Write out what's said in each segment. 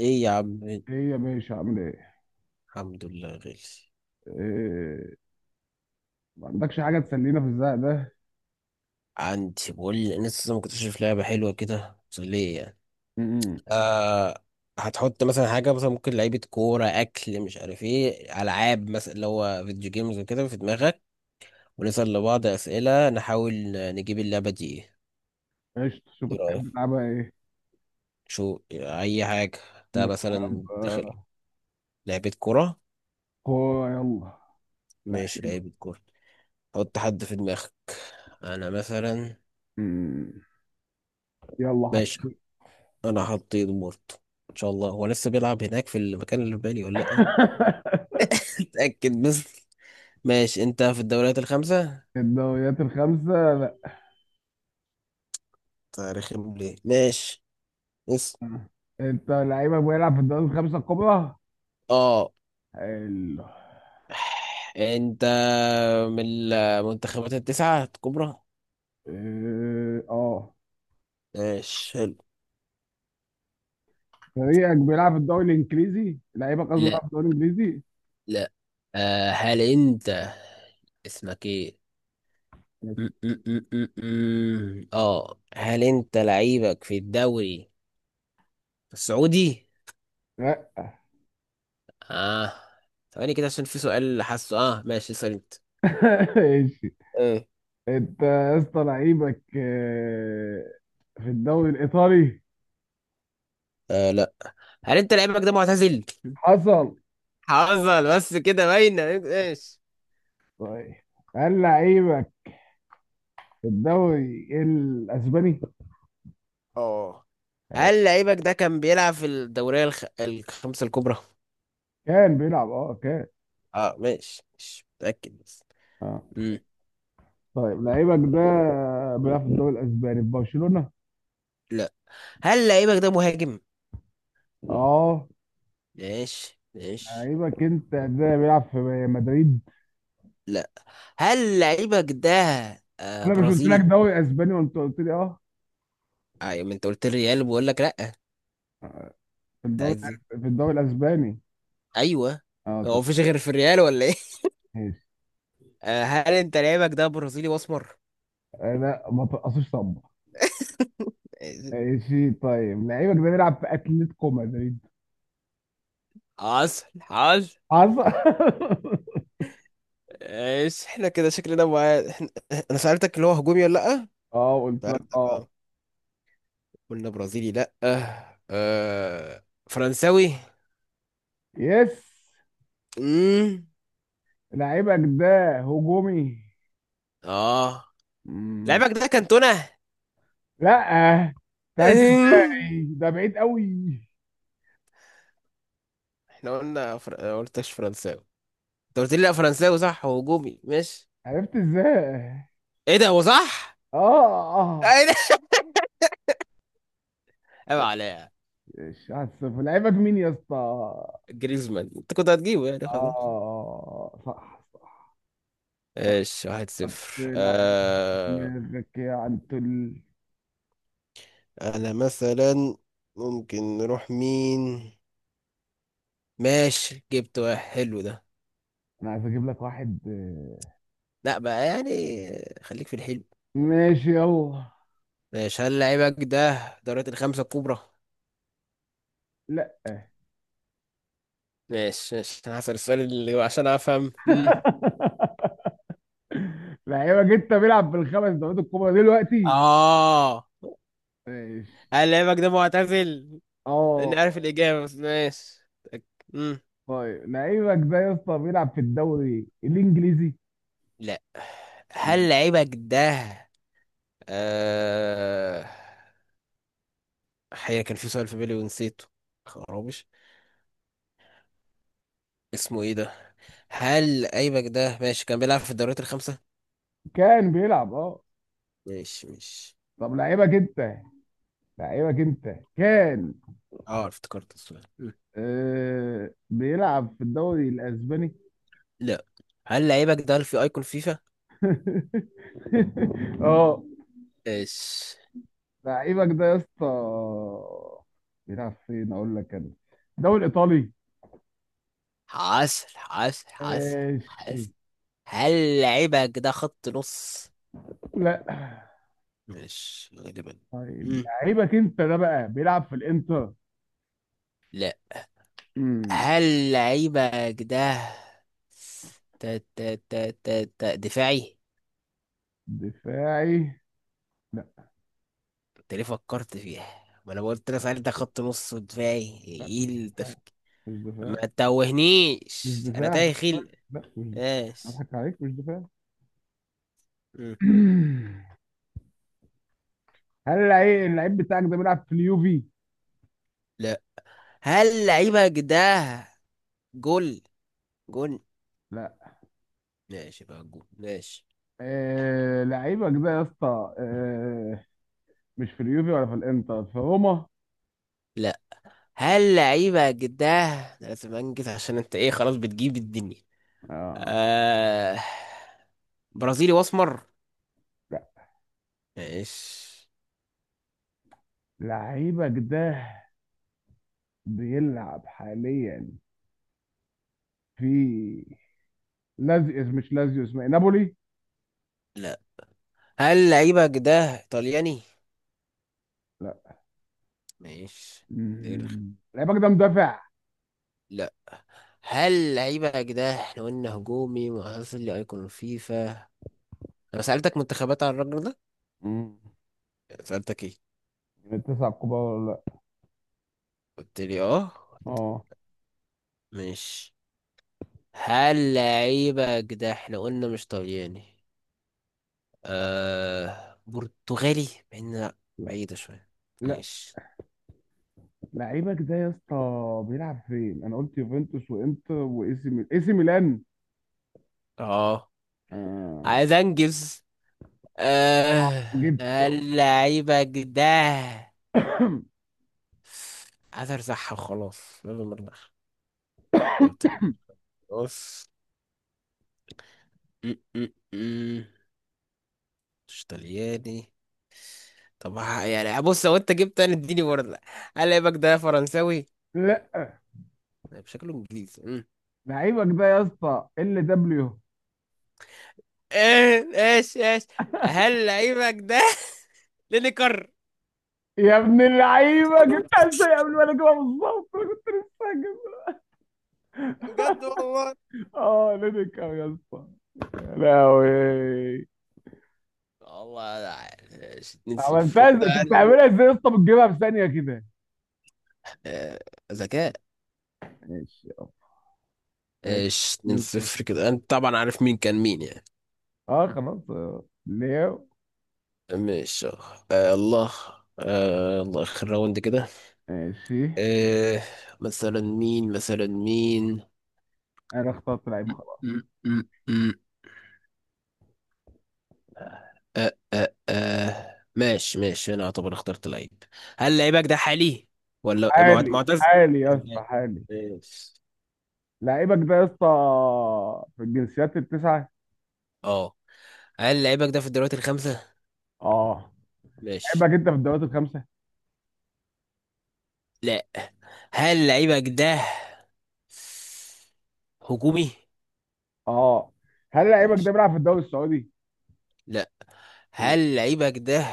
ايه يا عم. ايه يا باشا، عامل ايه؟ الحمد لله غالي. إيه، ما عندكش حاجة تسلينا في الزق ده؟ عندي، بقول لي لسه ما كنتش شايف لعبه حلوه كده مسليه يعني. امم آه، هتحط مثلا حاجه، مثلا ممكن لعيبه كوره، اكل، مش عارف ايه، العاب مثلا اللي هو فيديو جيمز وكده في دماغك، ونسال لبعض اسئله نحاول نجيب اللعبه دي ايه. قشطة، شوف ايه رايك؟ الحاجات بقى ايه؟ شو اي حاجه. ده نلعب مثلا دخل آه، لعبه كوره. كورة يلا. لا. ماشي، لعيبه كوره. حط حد في دماغك. انا مثلا. مم. يلا ماشي، حطيت. انا حطيت بورتو، ان شاء الله هو لسه بيلعب هناك في المكان اللي في بالي ولا لا. اتاكد بس. ماشي، انت في الدوريات الخمسه، الدوريات الخمسة لا. تاريخهم ليه؟ ماشي بس. انت لعيبك بيلعب في الدوري الخمسة الكبرى؟ اه. حلو. انت من المنتخبات التسعه الكبرى؟ إيه، اه. ماشي حلو. فريقك بيلعب في الدوري الانجليزي؟ لعيبك قصدي بيلعب لا. في الدوري الانجليزي؟ لا. آه، هل انت اسمك ايه؟ ماشي. م- م- م- م- م. اه، هل انت لعيبك في الدوري السعودي؟ لا. اه. ثواني كده عشان في سؤال حاسه، اه ماشي، اسال انت. ماشي. ايه؟ انت يا اسطى لعيبك في الدوري الايطالي. آه لا. هل انت لعيبك ده معتزل؟ حصل. حصل بس كده باينه. ايش؟ طيب، هل لعيبك في الدوري الاسباني؟ اه، آه، هل لعيبك ده كان بيلعب في الدورية الخمسة الكبرى؟ كان بيلعب، كان. اه ماشي، مش متأكد بس. اه. مم. طيب، لعيبك ده بيلعب في الدوري الاسباني في برشلونة؟ لا. هل لعيبك ده مهاجم؟ اه. ماشي ماشي. لعيبك انت ده بيلعب في مدريد؟ لا. هل لعيبك ده آه انا مش قلت لك برازيلي؟ دوري اسباني وانت قلت لي اه؟ ايوه، ما انت قلت الريال، بقول لك لا. انت في الدوري عايز ايه؟ في الدوري الاسباني. ايوه، اه، هو طب مفيش غير في الريال ولا ايه؟ ماشي. آه، هل انت لعيبك ده برازيلي واسمر؟ انا ما ترقصيش طب. آه، ماشي، طيب لعيبك ده بيلعب في اتلتيكو مدريد؟ حصل حصل. حصل. ايش احنا كده شكلنا مع... احنا... انا سألتك اللي هو هجومي ولا لأ، اه، قلت لك سألتك اه. اه، قلنا برازيلي لأ، آه... فرنساوي. يس. امم. لعيبك ده هجومي. اه. مم. لعبك ده كانتونا. لا، انت عرفت أمم. ازاي؟ ده بعيد قوي. احنا قلنا آه، قلتش فرنساوي. انت قلت لي لأ، فرنساوي صح، هو هجومي، ماشي. عرفت ازاي؟ ايه ده؟ هو صح؟ اه، اه. ايه ده؟ عيب عليا. ماشي، 1-0. لعيبك مين يا اسطى؟ جريزمان، انت كنت هتجيبه يعني خلاص. اه، صح صح صح. ايش، واحد حط صفر لعيب آه... دماغك يا عنتل. انا مثلا ممكن نروح مين؟ ماشي، جبت واحد حلو ده. انا عايز اجيب لك واحد. لا بقى يعني، خليك في الحلو. آه، ماشي يلا. ماشي. هل لعيبك ده دوريات الخمسة الكبرى؟ لا. ماشي ماشي، انا هسأل السؤال اللي عشان افهم. لعيبك انت بيلعب بالخمس دوريات الكبرى دلوقتي؟ اه. ماشي. هل لعيبك ده معتزل؟ اني اه. عارف الإجابة بس ماشي. أك- مم. طيب، لعيبك ده يا اسطى بيلعب في الدوري الانجليزي؟ لا. هل لعيبك ده آه... حقيقة كان في سؤال في بالي ونسيته، خرابش، اسمه ايه ده؟ هل لعيبك ده ماشي كان بيلعب في الدوريات الخمسة؟ كان بيلعب، ماشي ماشي. طب لعيبك انت كان اه افتكرت السؤال. آه بيلعب في الدوري الاسباني. لا. هل لعيبك ده في ايكون فيفا؟ اه. ايش؟ لعيبك ده يا اسطى بيلعب فين؟ اقول لك انا؟ الدوري الايطالي. حاس ماشي. حاس. هل لعيبك ده خط نص؟ لا. مش غالبا. طيب، م. لعيبك انت ده بقى بيلعب في الانتر؟ لا. امم هل لعيبك ده تا تا تا تا تا دفاعي؟ دفاعي؟ لا. انت ليه فكرت فيها؟ ما انا قلت لك سألت ده خط نص ودفاعي، لا، ايه مش دفاع، التفكير؟ مش دفاع، ما مش تتوهنيش، انا دفاع. تايه خيل. لا، مش دفاع. ايش؟ اضحك عليك، مش دفاع. م. هل اللعيب بتاعك ده بيلعب في اليوفي؟ لا. هل لعيبك ده جول؟ جول؟ لا. ماشي بقى، جول ماشي. لعيبك ده يا اسطى، مش في اليوفي ولا في الانتر في روما؟ لا. هل لعيبة جداه ده لازم انجز عشان انت ايه خلاص بتجيب الدنيا. اه. آه... برازيلي واسمر؟ لا. ماشي. لعيبك ده بيلعب حاليا في لازيوس، مش لازيوس. اسمه إيه؟ نابولي؟ لا. هل لعيبة جداه ايطالياني؟ ماشي. دي رخ- مم. لعيبك ده مدافع؟ لا. هل لعيبة جداه احنا قلنا هجومي وحصل لي ايقون الفيفا، انا سألتك منتخبات على الراجل ده، مم. سألتك ايه؟ من التسعة الكبار ولا لا؟ قلت لي اه، اه. ماشي. هل لعيبة جداه احنا قلنا مش طلياني، آه برتغالي، مع إنها لا، بعيدة شوية. لا. ماشي. لعيبك ده يا اسطى بيلعب فين؟ انا قلت يوفنتوس وانتر واي سي ميلان، اي سي ميلان. اه، آه. عايز انجز. آه، جبته. اللعيبة ده عايز ارزعها وخلاص، لازم ارزعها، قلت له بص. م- م- م. مش طلياني. طب يعني بص، لو انت جبت انا اديني برضه. هل لعيبك ده فرنساوي؟ لا. لا، بشكله انجليزي. لعيبك ده يا اسطى ال دبليو. ايه؟ ايش؟ ايش؟ هل لعيبك ده لينيكر؟ يا ابن اللعيبه، جبتها ازاي قبل ما انا اجيبها بالظبط؟ انا كنت لسه هجيبها. بجد والله. اه، لينيكا يا اسطى. يا لهوي. والله أنا عارف. 2-0 عملتها انت ازاي؟ انت يعني. بتعملها ازاي يا اسطى؟ بتجيبها في ثانيه كده. آه، ذكاء. ماشي، ماشي. ايش 2 نيوكاسل. 0 كده، انت طبعا عارف مين كان مين يعني. اه، خلاص. آه. ليو. ماشي. آه الله. آه الله، اخر راوند كده. ماشي. آه، مثلا مين؟ مثلا مين؟ انا اخترت لعيب، خلاص. م- م- م- آه آه آه، ماشي ماشي، انا اعتبر اخترت لعيب. هل لعيبك ده حالي ولا حالي، معتز؟ حالي يا اسطى، حالي. ماشي. لعيبك ده يا اسطى في الجنسيات التسعة؟ اه. هل لعيبك ده في الدوريات الخمسة؟ اه. ماشي. لعيبك انت في الدوريات الخمسة؟ لا. هل لعيبك ده هجومي؟ اه. هل لعيبك ده ماشي. بيلعب في الدوري السعودي؟ لا. آه. هل لعيبك ده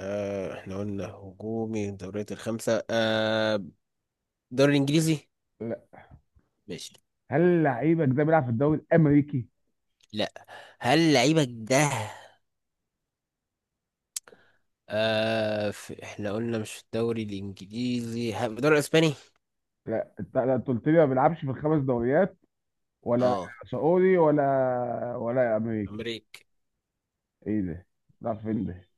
آه احنا قلنا هجومي الدوريات الخمسة، آه الدوري الإنجليزي؟ لا. ماشي. هل لعيبك ده بيلعب في الدوري الامريكي؟ لا. هل لعيبك ده آه في... احنا قلنا مش في الدوري الانجليزي، في الدوري الاسباني؟ لا، انت لا، أنت قلت لي ما بيلعبش في الخمس دوريات ولا اه سعودي ولا امريكي. أمريكا. ايه ده؟ بيلعب فين ده؟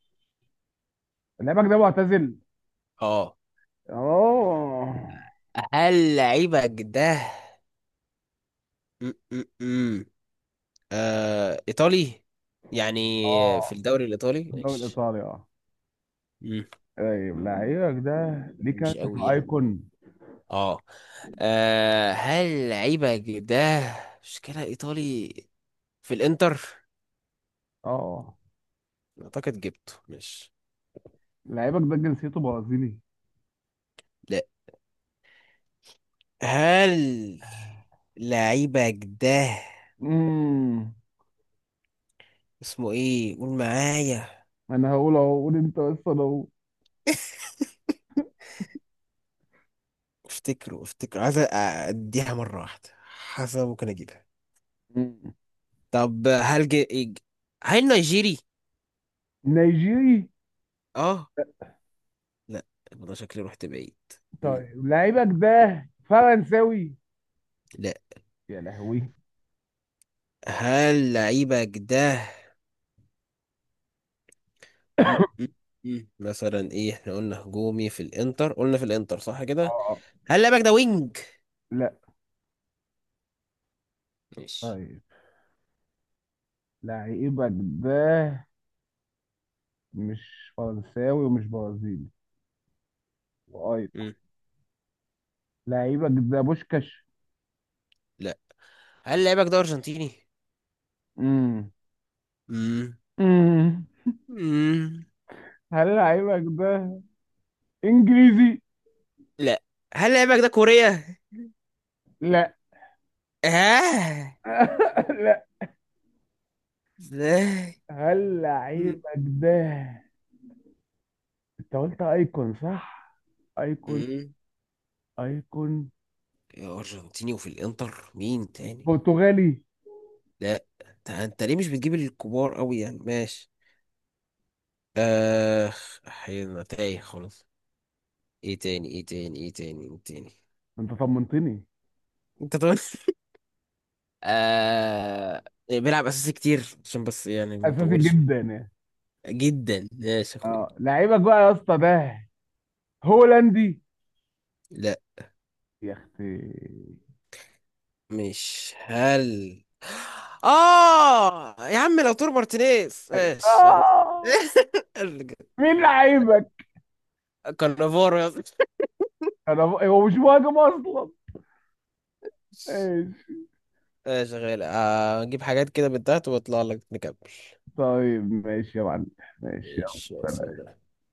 لعيبك ده معتزل؟ اه. اه، هل لعيبك ده م -م -م. آه ايطالي يعني، في اه. الدوري الايطالي؟ الدوري ماشي. الايطالي اه. طيب، مم. لعيبك ده ليه مش كارت في قوي يعني. الايكون؟ اه. آه، هل لعيبة ده مشكلة ايطالي، في الانتر؟ اه. اعتقد جبته مش... لعيبك ده جنسيته برازيلي؟ لا. هل لعيبة ده مم. اسمه ايه؟ قول معايا. انا هقول اهو، قول انت، بس انا اهو. افتكره، عايز اديها مرة واحدة حسب ممكن اجيبها. مم. طب هل ج- هل نيجيري؟ نيجيري. اه لا. يبقى ده شكلي رحت بعيد. مم. طيب، لعيبك ده فرنساوي؟ لا. يا لهوي. هل لعيبة ده م- م- م. مثلا ايه، احنا قلنا هجومي في الانتر، قلنا في الانتر صح كده. اه، هل لعبك ده وينج؟ لا. ماشي. طيب، لعيبك ده مش فرنساوي ومش برازيلي، وايضا م. لعيبك ده بوشكاش. لا. هل لعبك ده ارجنتيني؟ مم. م. مم. م. هل لعيبك ده انجليزي؟ لا. هل لعبك ده كوريا؟ لا. اه، لا. ازاي؟ هل م. لعيبك ده، انت قلت ايكون، صح؟ ايكون. م. ايكون يا ارجنتيني وفي الانتر، مين تاني؟ برتغالي؟ لا. انت، أنت ليه مش بتجيب الكبار قوي يعني؟ ماشي. اخ، احيانا تايه خالص. ايه تاني؟ ايه تاني؟ ايه تاني؟ ايه تاني؟ انت طمنتني. انت طبعا آه بيلعب اساسي كتير، عشان بس يعني ما اساسي نطولش. جدا يعني. جدا، ماشي يا اخويا. اه، لعيبك بقى يا اسطى ده هولندي؟ لا، يا اختي. مش هل، اه يا عم لو تور مارتينيز ماشي يلا. آه. مين لعيبك؟ كارنافورو يا اسطى. انا هو مش مهاجم اصلا. ماشي، ماشي. شغال آه، اجيب حاجات كده من تحت واطلع لك نكمل. طيب، ماشي يا معلم. ماشي ايش يا يلا. سيدي.